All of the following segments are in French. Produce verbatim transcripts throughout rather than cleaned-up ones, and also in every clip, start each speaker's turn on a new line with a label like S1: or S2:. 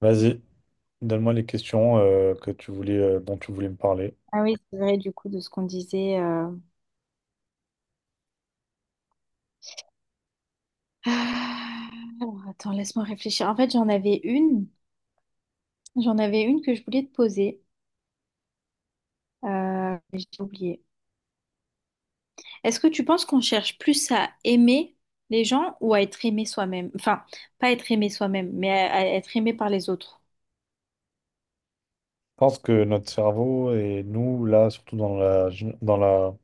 S1: Vas-y, donne-moi les questions euh, que tu voulais, euh, dont tu voulais me parler.
S2: Ah oui, c'est vrai, du coup, de ce qu'on disait. euh. Ah, Alors, attends, laisse-moi réfléchir. En fait, j'en avais une. J'en avais une que je voulais te poser. Euh, j'ai oublié. Est-ce que tu penses qu'on cherche plus à aimer les gens ou à être aimé soi-même? Enfin, pas être aimé soi-même, mais à, à être aimé par les autres.
S1: Je pense que notre cerveau et nous, là, surtout dans la, gen- dans la,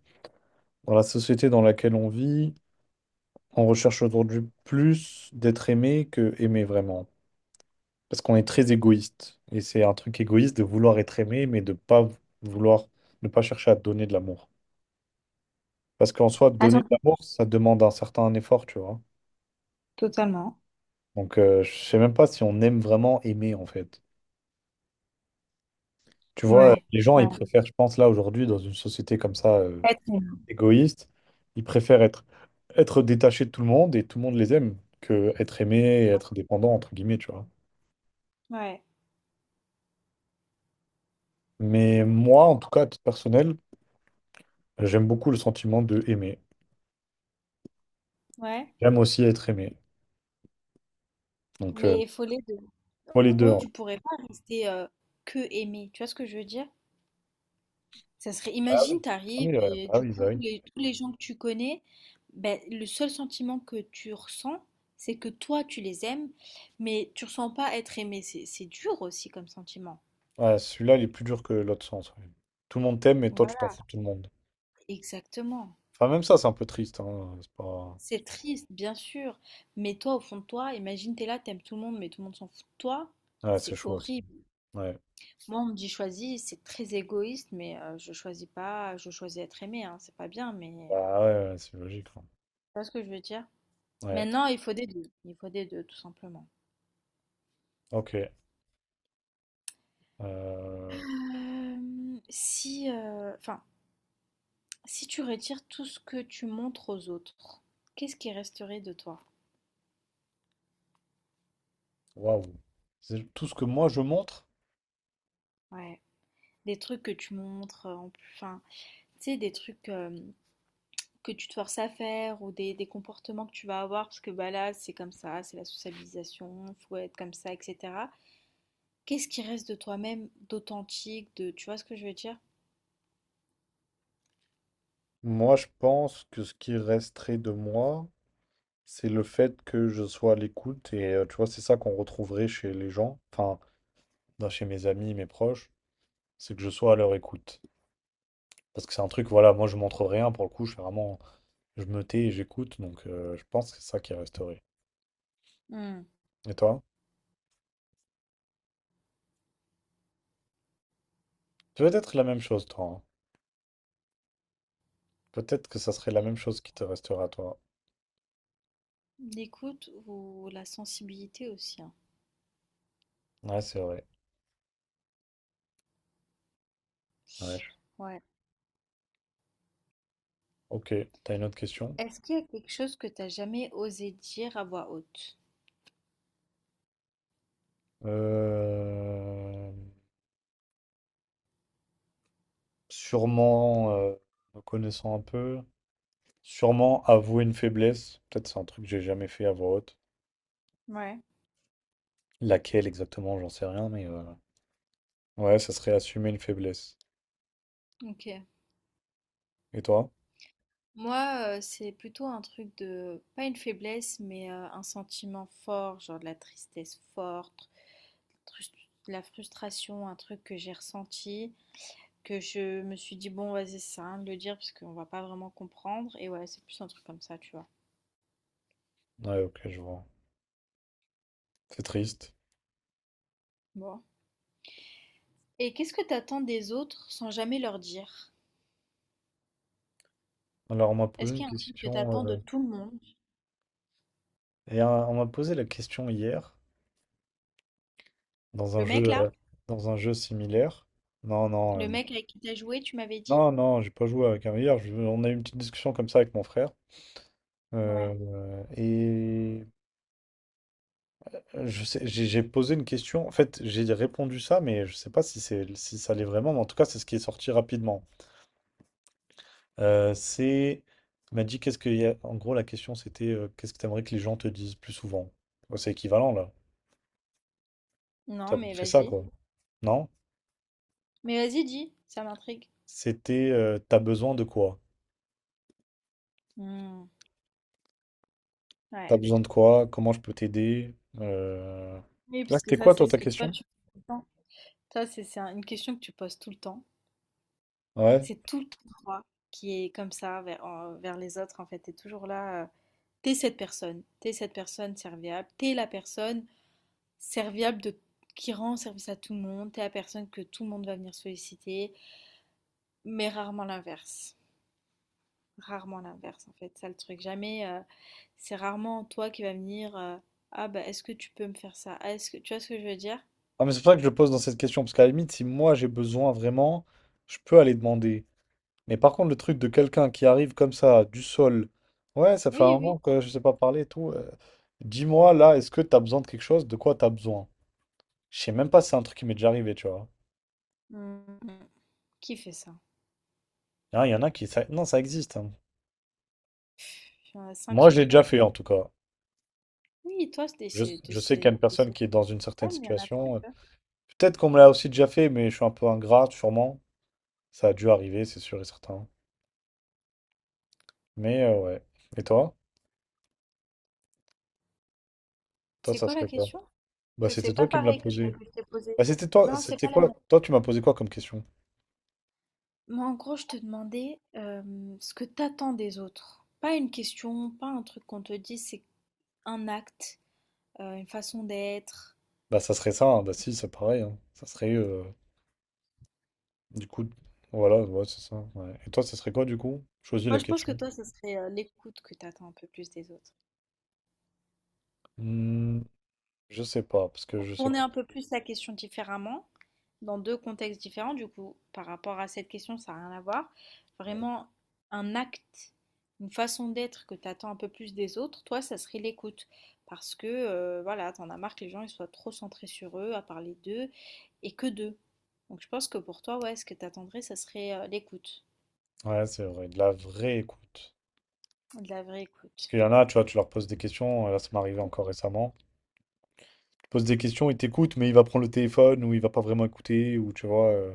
S1: dans la société dans laquelle on vit, on recherche aujourd'hui plus d'être aimé que aimer vraiment. Parce qu'on est très égoïste. Et c'est un truc égoïste de vouloir être aimé, mais de pas vouloir, ne pas chercher à donner de l'amour. Parce qu'en soi, donner de
S2: Attends,
S1: l'amour, ça demande un certain effort, tu vois.
S2: totalement.
S1: Donc, euh, je sais même pas si on aime vraiment aimer, en fait. Tu vois,
S2: Ouais.
S1: les gens, ils
S2: Voilà.
S1: préfèrent, je pense, là, aujourd'hui, dans une société comme ça, euh,
S2: Être aimé.
S1: égoïste, ils préfèrent être, être détachés de tout le monde et tout le monde les aime que être aimé et être dépendant, entre guillemets, tu vois.
S2: Ouais,
S1: Mais moi, en tout cas, à titre personnel, j'aime beaucoup le sentiment de aimer.
S2: ouais.
S1: J'aime aussi être aimé. Donc, euh,
S2: Mais il faut les deux.
S1: moi, les
S2: En
S1: deux,
S2: gros,
S1: en fait.
S2: tu pourrais pas rester euh, que aimé. Tu vois ce que je veux dire? Ça serait,
S1: Ah
S2: imagine,
S1: oui, ah
S2: t'arrives
S1: oui, ouais,
S2: et
S1: bah
S2: du
S1: oui, bah
S2: coup,
S1: oui.
S2: les- tous les gens que tu connais, ben, le seul sentiment que tu ressens, c'est que toi, tu les aimes, mais tu ressens pas être aimé. C'est, c'est dur aussi comme sentiment.
S1: Ouais, celui-là, il est plus dur que l'autre sens, ouais. Tout le monde t'aime, mais toi, tu t'en
S2: Voilà,
S1: fous de tout le monde.
S2: exactement.
S1: Enfin, même ça, c'est un peu triste, hein. C'est pas...
S2: C'est triste, bien sûr, mais toi, au fond de toi, imagine, t'es là, t'aimes tout le monde, mais tout le monde s'en fout de toi.
S1: Ouais, c'est
S2: C'est
S1: chaud aussi.
S2: horrible.
S1: Ouais.
S2: Moi, on me dit choisis, c'est très égoïste, mais euh, je choisis pas, je choisis être aimé, hein, c'est pas bien, mais
S1: Bah ouais, ouais, c'est logique, hein.
S2: tu vois ce que je veux dire?
S1: Ouais.
S2: Maintenant, il faut des deux, il faut des deux, tout simplement.
S1: Ok. euh,
S2: Hem, si, heu, enfin, si tu retires tout ce que tu montres aux autres, qu'est-ce qui resterait de toi?
S1: Waouh. C'est tout ce que moi je montre.
S2: Ouais, des trucs que tu montres, heu, en plus, enfin, tu sais, des trucs, hem, que tu te forces à faire ou des, des comportements que tu vas avoir parce que bah là, c'est comme ça, c'est la socialisation, faut être comme ça, et cetera. Qu'est-ce qui reste de toi-même d'authentique, de, tu vois ce que je veux dire?
S1: Moi, je pense que ce qui resterait de moi, c'est le fait que je sois à l'écoute. Et euh, tu vois, c'est ça qu'on retrouverait chez les gens, enfin, dans- chez mes amis, mes proches, c'est que je sois à leur écoute. Parce que c'est un truc, voilà, moi je montre rien pour le coup, je fais vraiment, je me tais et j'écoute. Donc, euh, je pense que c'est ça qui resterait.
S2: Hmm.
S1: Et toi? Peut-être la même chose, toi, hein. Peut-être que ça serait la même chose qui te restera, toi.
S2: L'écoute ou la sensibilité aussi, hein.
S1: Ouais, c'est vrai. Ouais. je-
S2: Ouais.
S1: Ok. T'as une autre question?
S2: Est-ce qu'il y a quelque chose que t'as jamais osé dire à voix haute?
S1: Euh, sûrement, euh, me connaissant un peu, sûrement avouer une faiblesse. Peut-être c'est un truc que j'ai jamais fait à voix haute.
S2: Ouais.
S1: Laquelle exactement, j'en sais rien, mais euh, ouais, ça serait assumer une faiblesse.
S2: OK.
S1: Et toi?
S2: Moi, euh, c'est plutôt un truc de, pas une faiblesse, mais euh, un sentiment fort, genre de la tristesse forte, trus- de la frustration, un truc que j'ai ressenti, que je me suis dit, bon, vas-y, c'est ça, de le dire parce qu'on va pas vraiment comprendre. Et ouais, c'est plus un truc comme ça, tu vois.
S1: Ouais, ok, je vois. C'est triste.
S2: Bon. Et qu'est-ce que t'attends des autres sans jamais leur dire?
S1: Alors, on m'a
S2: Est-ce
S1: posé une
S2: qu'il y a un truc que
S1: question,
S2: t'attends de
S1: euh,
S2: tout le monde?
S1: et euh, on m'a posé la question hier dans un
S2: Le mec
S1: jeu, euh,
S2: là?
S1: dans un jeu similaire. Non, non, euh,
S2: Le
S1: bon.
S2: mec avec qui t'as joué, tu m'avais dit?
S1: Non, non, j'ai pas joué avec un meilleur. Je- on a eu une petite discussion comme ça avec mon frère.
S2: Ouais.
S1: Euh, et Euh, Je sais, j'ai j'ai posé une question. En fait, j'ai répondu ça, mais je sais pas si c'est si ça l'est vraiment. Mais en tout cas, c'est ce qui est sorti rapidement. Euh, c'est, il m'a dit qu'est-ce qu'il y a. En gros, la question c'était euh, qu'est-ce que t'aimerais que les gens te disent plus souvent? Ouais, c'est équivalent là.
S2: Non,
S1: Ça
S2: mais
S1: fait ça
S2: vas-y.
S1: quoi. Non?
S2: Mais vas-y, dis, ça m'intrigue.
S1: C'était euh, t'as besoin de quoi?
S2: Hmm. Ouais.
S1: T'as besoin de quoi? Comment je peux t'aider? Euh,
S2: Oui,
S1: Là,
S2: parce que
S1: c'était
S2: ça,
S1: quoi
S2: c'est
S1: toi
S2: ce
S1: ta
S2: que toi,
S1: question?
S2: tu poses tout le temps. Ça, c'est c'est un- une question que tu poses tout le temps.
S1: Ouais.
S2: C'est tout le temps toi qui est comme ça vers, en- vers les autres, en fait. T'es toujours là. euh, T'es cette personne. T'es cette personne serviable. T'es la personne serviable de... qui rend service à tout le monde. T'es la personne que tout le monde va venir solliciter, mais rarement l'inverse. Rarement l'inverse, en fait, c'est ça le truc. Jamais, euh, c'est rarement toi qui vas venir, euh, ah bah est-ce que tu peux me faire ça? Ah, est-ce que tu vois ce que je veux dire?
S1: Ah, mais c'est pour ça que je le pose dans cette question parce qu'à la limite, si moi j'ai besoin vraiment, je peux aller demander. Mais par contre, le truc de quelqu'un qui arrive comme ça, du sol, ouais, ça fait un
S2: Oui, oui.
S1: moment que je sais pas parler et tout, euh, dis-moi là, est-ce que t'as besoin de quelque chose? De quoi t'as besoin? Je sais même pas si c'est un truc qui m'est déjà arrivé, tu vois.
S2: Mm, mm. Qui fait ça?
S1: Hein, il y en a qui. ça- Non, ça existe, hein.
S2: Il y en a cinq
S1: Moi,
S2: sur
S1: je l'ai déjà
S2: Terre.
S1: fait en tout cas.
S2: Oui, toi, c'est
S1: Je,
S2: c'est- c'est-
S1: je sais qu'il y a
S2: c'est-
S1: une personne
S2: c'est-
S1: qui est dans une
S2: Ah,
S1: certaine
S2: mais il y en a très
S1: situation. euh,
S2: peu.
S1: Peut-être qu'on me l'a aussi déjà fait, mais je suis un peu ingrat, sûrement. Ça a dû arriver, c'est sûr et certain. Mais euh, ouais. Et toi? Toi,
S2: C'est
S1: ça
S2: quoi la
S1: serait quoi?
S2: question? Parce
S1: Bah,
S2: que
S1: c'était
S2: c'est
S1: toi
S2: pas
S1: qui me l'as
S2: pareil que celle
S1: posé.
S2: que je t'ai posée.
S1: Bah, c'était toi,
S2: Non, c'est
S1: c'était
S2: pas la
S1: quoi?
S2: même.
S1: Toi, tu m'as posé quoi comme question?
S2: Moi, en gros, je te demandais euh, ce que t'attends des autres. Pas une question, pas un truc qu'on te dit, c'est un acte, euh, une façon d'être.
S1: Bah ça serait ça, hein. Bah si, c'est pareil, hein. Ça serait euh, du coup, voilà, ouais, c'est ça, ouais. Et toi, ça serait quoi du coup? Choisis
S2: Moi,
S1: la
S2: je pense que
S1: question.
S2: toi, ce serait euh, l'écoute que tu attends un peu plus des autres.
S1: Hmm, je sais pas, parce que je sais
S2: Tourner
S1: pas.
S2: un peu plus la question différemment, dans deux contextes différents, du coup, par rapport à cette question, ça n'a rien à voir.
S1: Ouais.
S2: Vraiment, un acte, une façon d'être que tu attends un peu plus des autres, toi, ça serait l'écoute. Parce que, euh, voilà, t'en as marre que les gens ils soient trop centrés sur eux, à parler d'eux, et que d'eux. Donc, je pense que pour toi, ouais, ce que tu attendrais, ça serait euh, l'écoute,
S1: Ouais, c'est vrai, de la vraie écoute.
S2: de la vraie
S1: Parce
S2: écoute.
S1: qu'il y en a, tu vois, tu leur poses des questions, euh, là ça m'est arrivé encore récemment. Tu poses des questions, il t'écoute, mais il va prendre le téléphone ou il va pas vraiment écouter, ou tu vois. euh,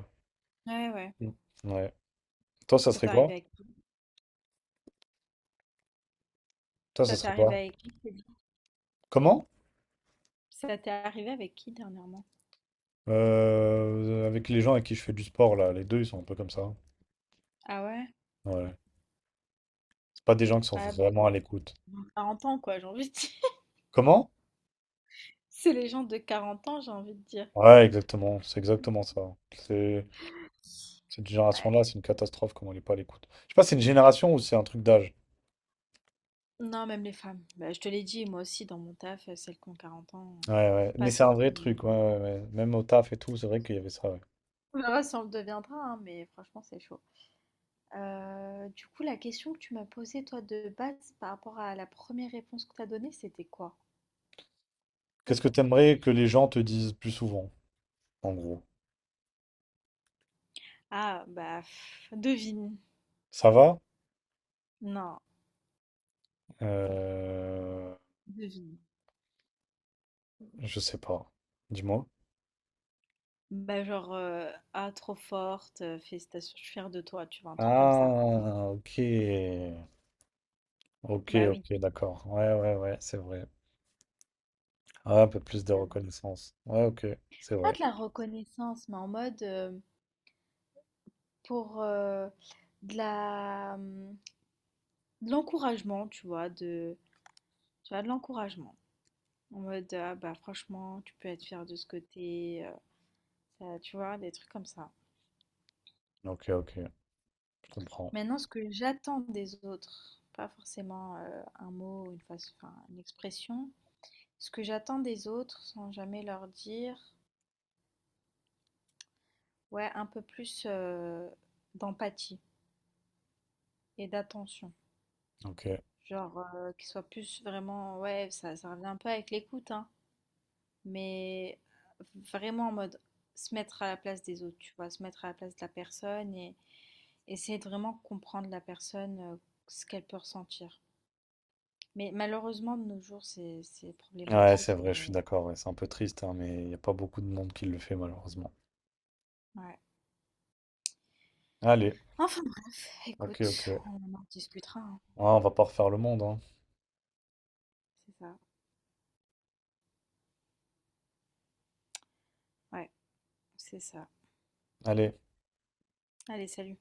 S2: Ouais, ouais.
S1: Mm. Ouais. Toi, ça
S2: Ça
S1: serait
S2: t'est arrivé
S1: quoi?
S2: avec qui?
S1: Toi, ça
S2: Ça t'est
S1: serait
S2: arrivé
S1: quoi?
S2: avec qui?
S1: Comment?
S2: Ça t'est arrivé avec qui dernièrement?
S1: Euh, avec les gens avec qui je fais du sport, là, les deux, ils sont un peu comme ça.
S2: Ah ouais?
S1: Ouais. C'est pas des gens qui sont
S2: Ouais, bon,
S1: vraiment à l'écoute.
S2: quarante ans quoi, j'ai envie de dire.
S1: Comment?
S2: C'est les gens de quarante ans, j'ai envie de dire.
S1: Ouais, exactement, c'est exactement ça. C'est cette
S2: Ouais.
S1: génération-là, c'est une catastrophe comment elle n'est pas à l'écoute. Je sais pas, c'est une génération ou c'est un truc d'âge.
S2: Non, même les femmes. Bah, je te l'ai dit, moi aussi dans mon taf, euh, celles qui ont quarante ans,
S1: Ouais,
S2: euh,
S1: ouais, mais
S2: pas
S1: c'est
S2: toutes,
S1: un vrai
S2: mais
S1: truc, ouais,
S2: pas-
S1: ouais,
S2: toutes.
S1: ouais. Même au taf et tout, c'est vrai qu'il y avait ça, ouais.
S2: On verra si on le deviendra, hein, mais franchement c'est chaud. Euh, du coup, la question que tu m'as posée toi de base par rapport à la première réponse que t'as donnée, c'était quoi? Ça,
S1: Qu'est-ce que
S2: t'as compris.
S1: t'aimerais que les gens te disent plus souvent, en gros?
S2: Ah, bah, pff, devine.
S1: Ça va?
S2: Non,
S1: Euh...
S2: devine.
S1: Je sais pas. Dis-moi.
S2: Bah, genre, heu: «Ah trop forte, heu, félicitations, je suis fière de toi», tu vois? Un truc comme ça.
S1: Ah, ok. Ok,
S2: Bah oui.
S1: ok, d'accord. Ouais, ouais, ouais, c'est vrai. Ah, un peu plus de
S2: Bah oui.
S1: reconnaissance. Ouais, ok, c'est
S2: Pas
S1: vrai.
S2: de la reconnaissance, mais en mode, heu, pour, heu, de la, mmh, de l'encouragement, tu vois? De tu vois? De l'encouragement. En mode: «Ah bah franchement, tu peux être fière de ce côté tu es», bah, tu vois? Des trucs comme ça.
S1: Ok, ok, je comprends.
S2: Maintenant ce que j'attends des autres, pas forcément, heu, un mot ou une façon enfin une expression. Ce que j'attends des autres sans jamais leur dire. Ouais, un peu plus, heu, d'empathie et d'attention.
S1: Ok.
S2: Genre, heu, qu'il soit plus vraiment ouais, ça ça revient un peu avec l'écoute, hein, mais vraiment en mode se mettre à la place des autres, tu vois? Se mettre à la place de la personne et essayer de vraiment comprendre la personne, heu, ce qu'elle peut ressentir. Mais malheureusement, de nos jours, c'est c'est
S1: Ouais,
S2: problématique,
S1: c'est vrai, je suis
S2: mais
S1: d'accord, ouais. C'est un peu triste, hein, mais il n'y a pas beaucoup de monde qui le fait, malheureusement.
S2: ouais.
S1: Allez,
S2: Enfin bref,
S1: ok, ok.
S2: écoute, on en discutera, hein.
S1: Ah, on va pas refaire le monde, hein.
S2: C'est ça, ouais, c'est ça.
S1: Allez.
S2: Allez, salut.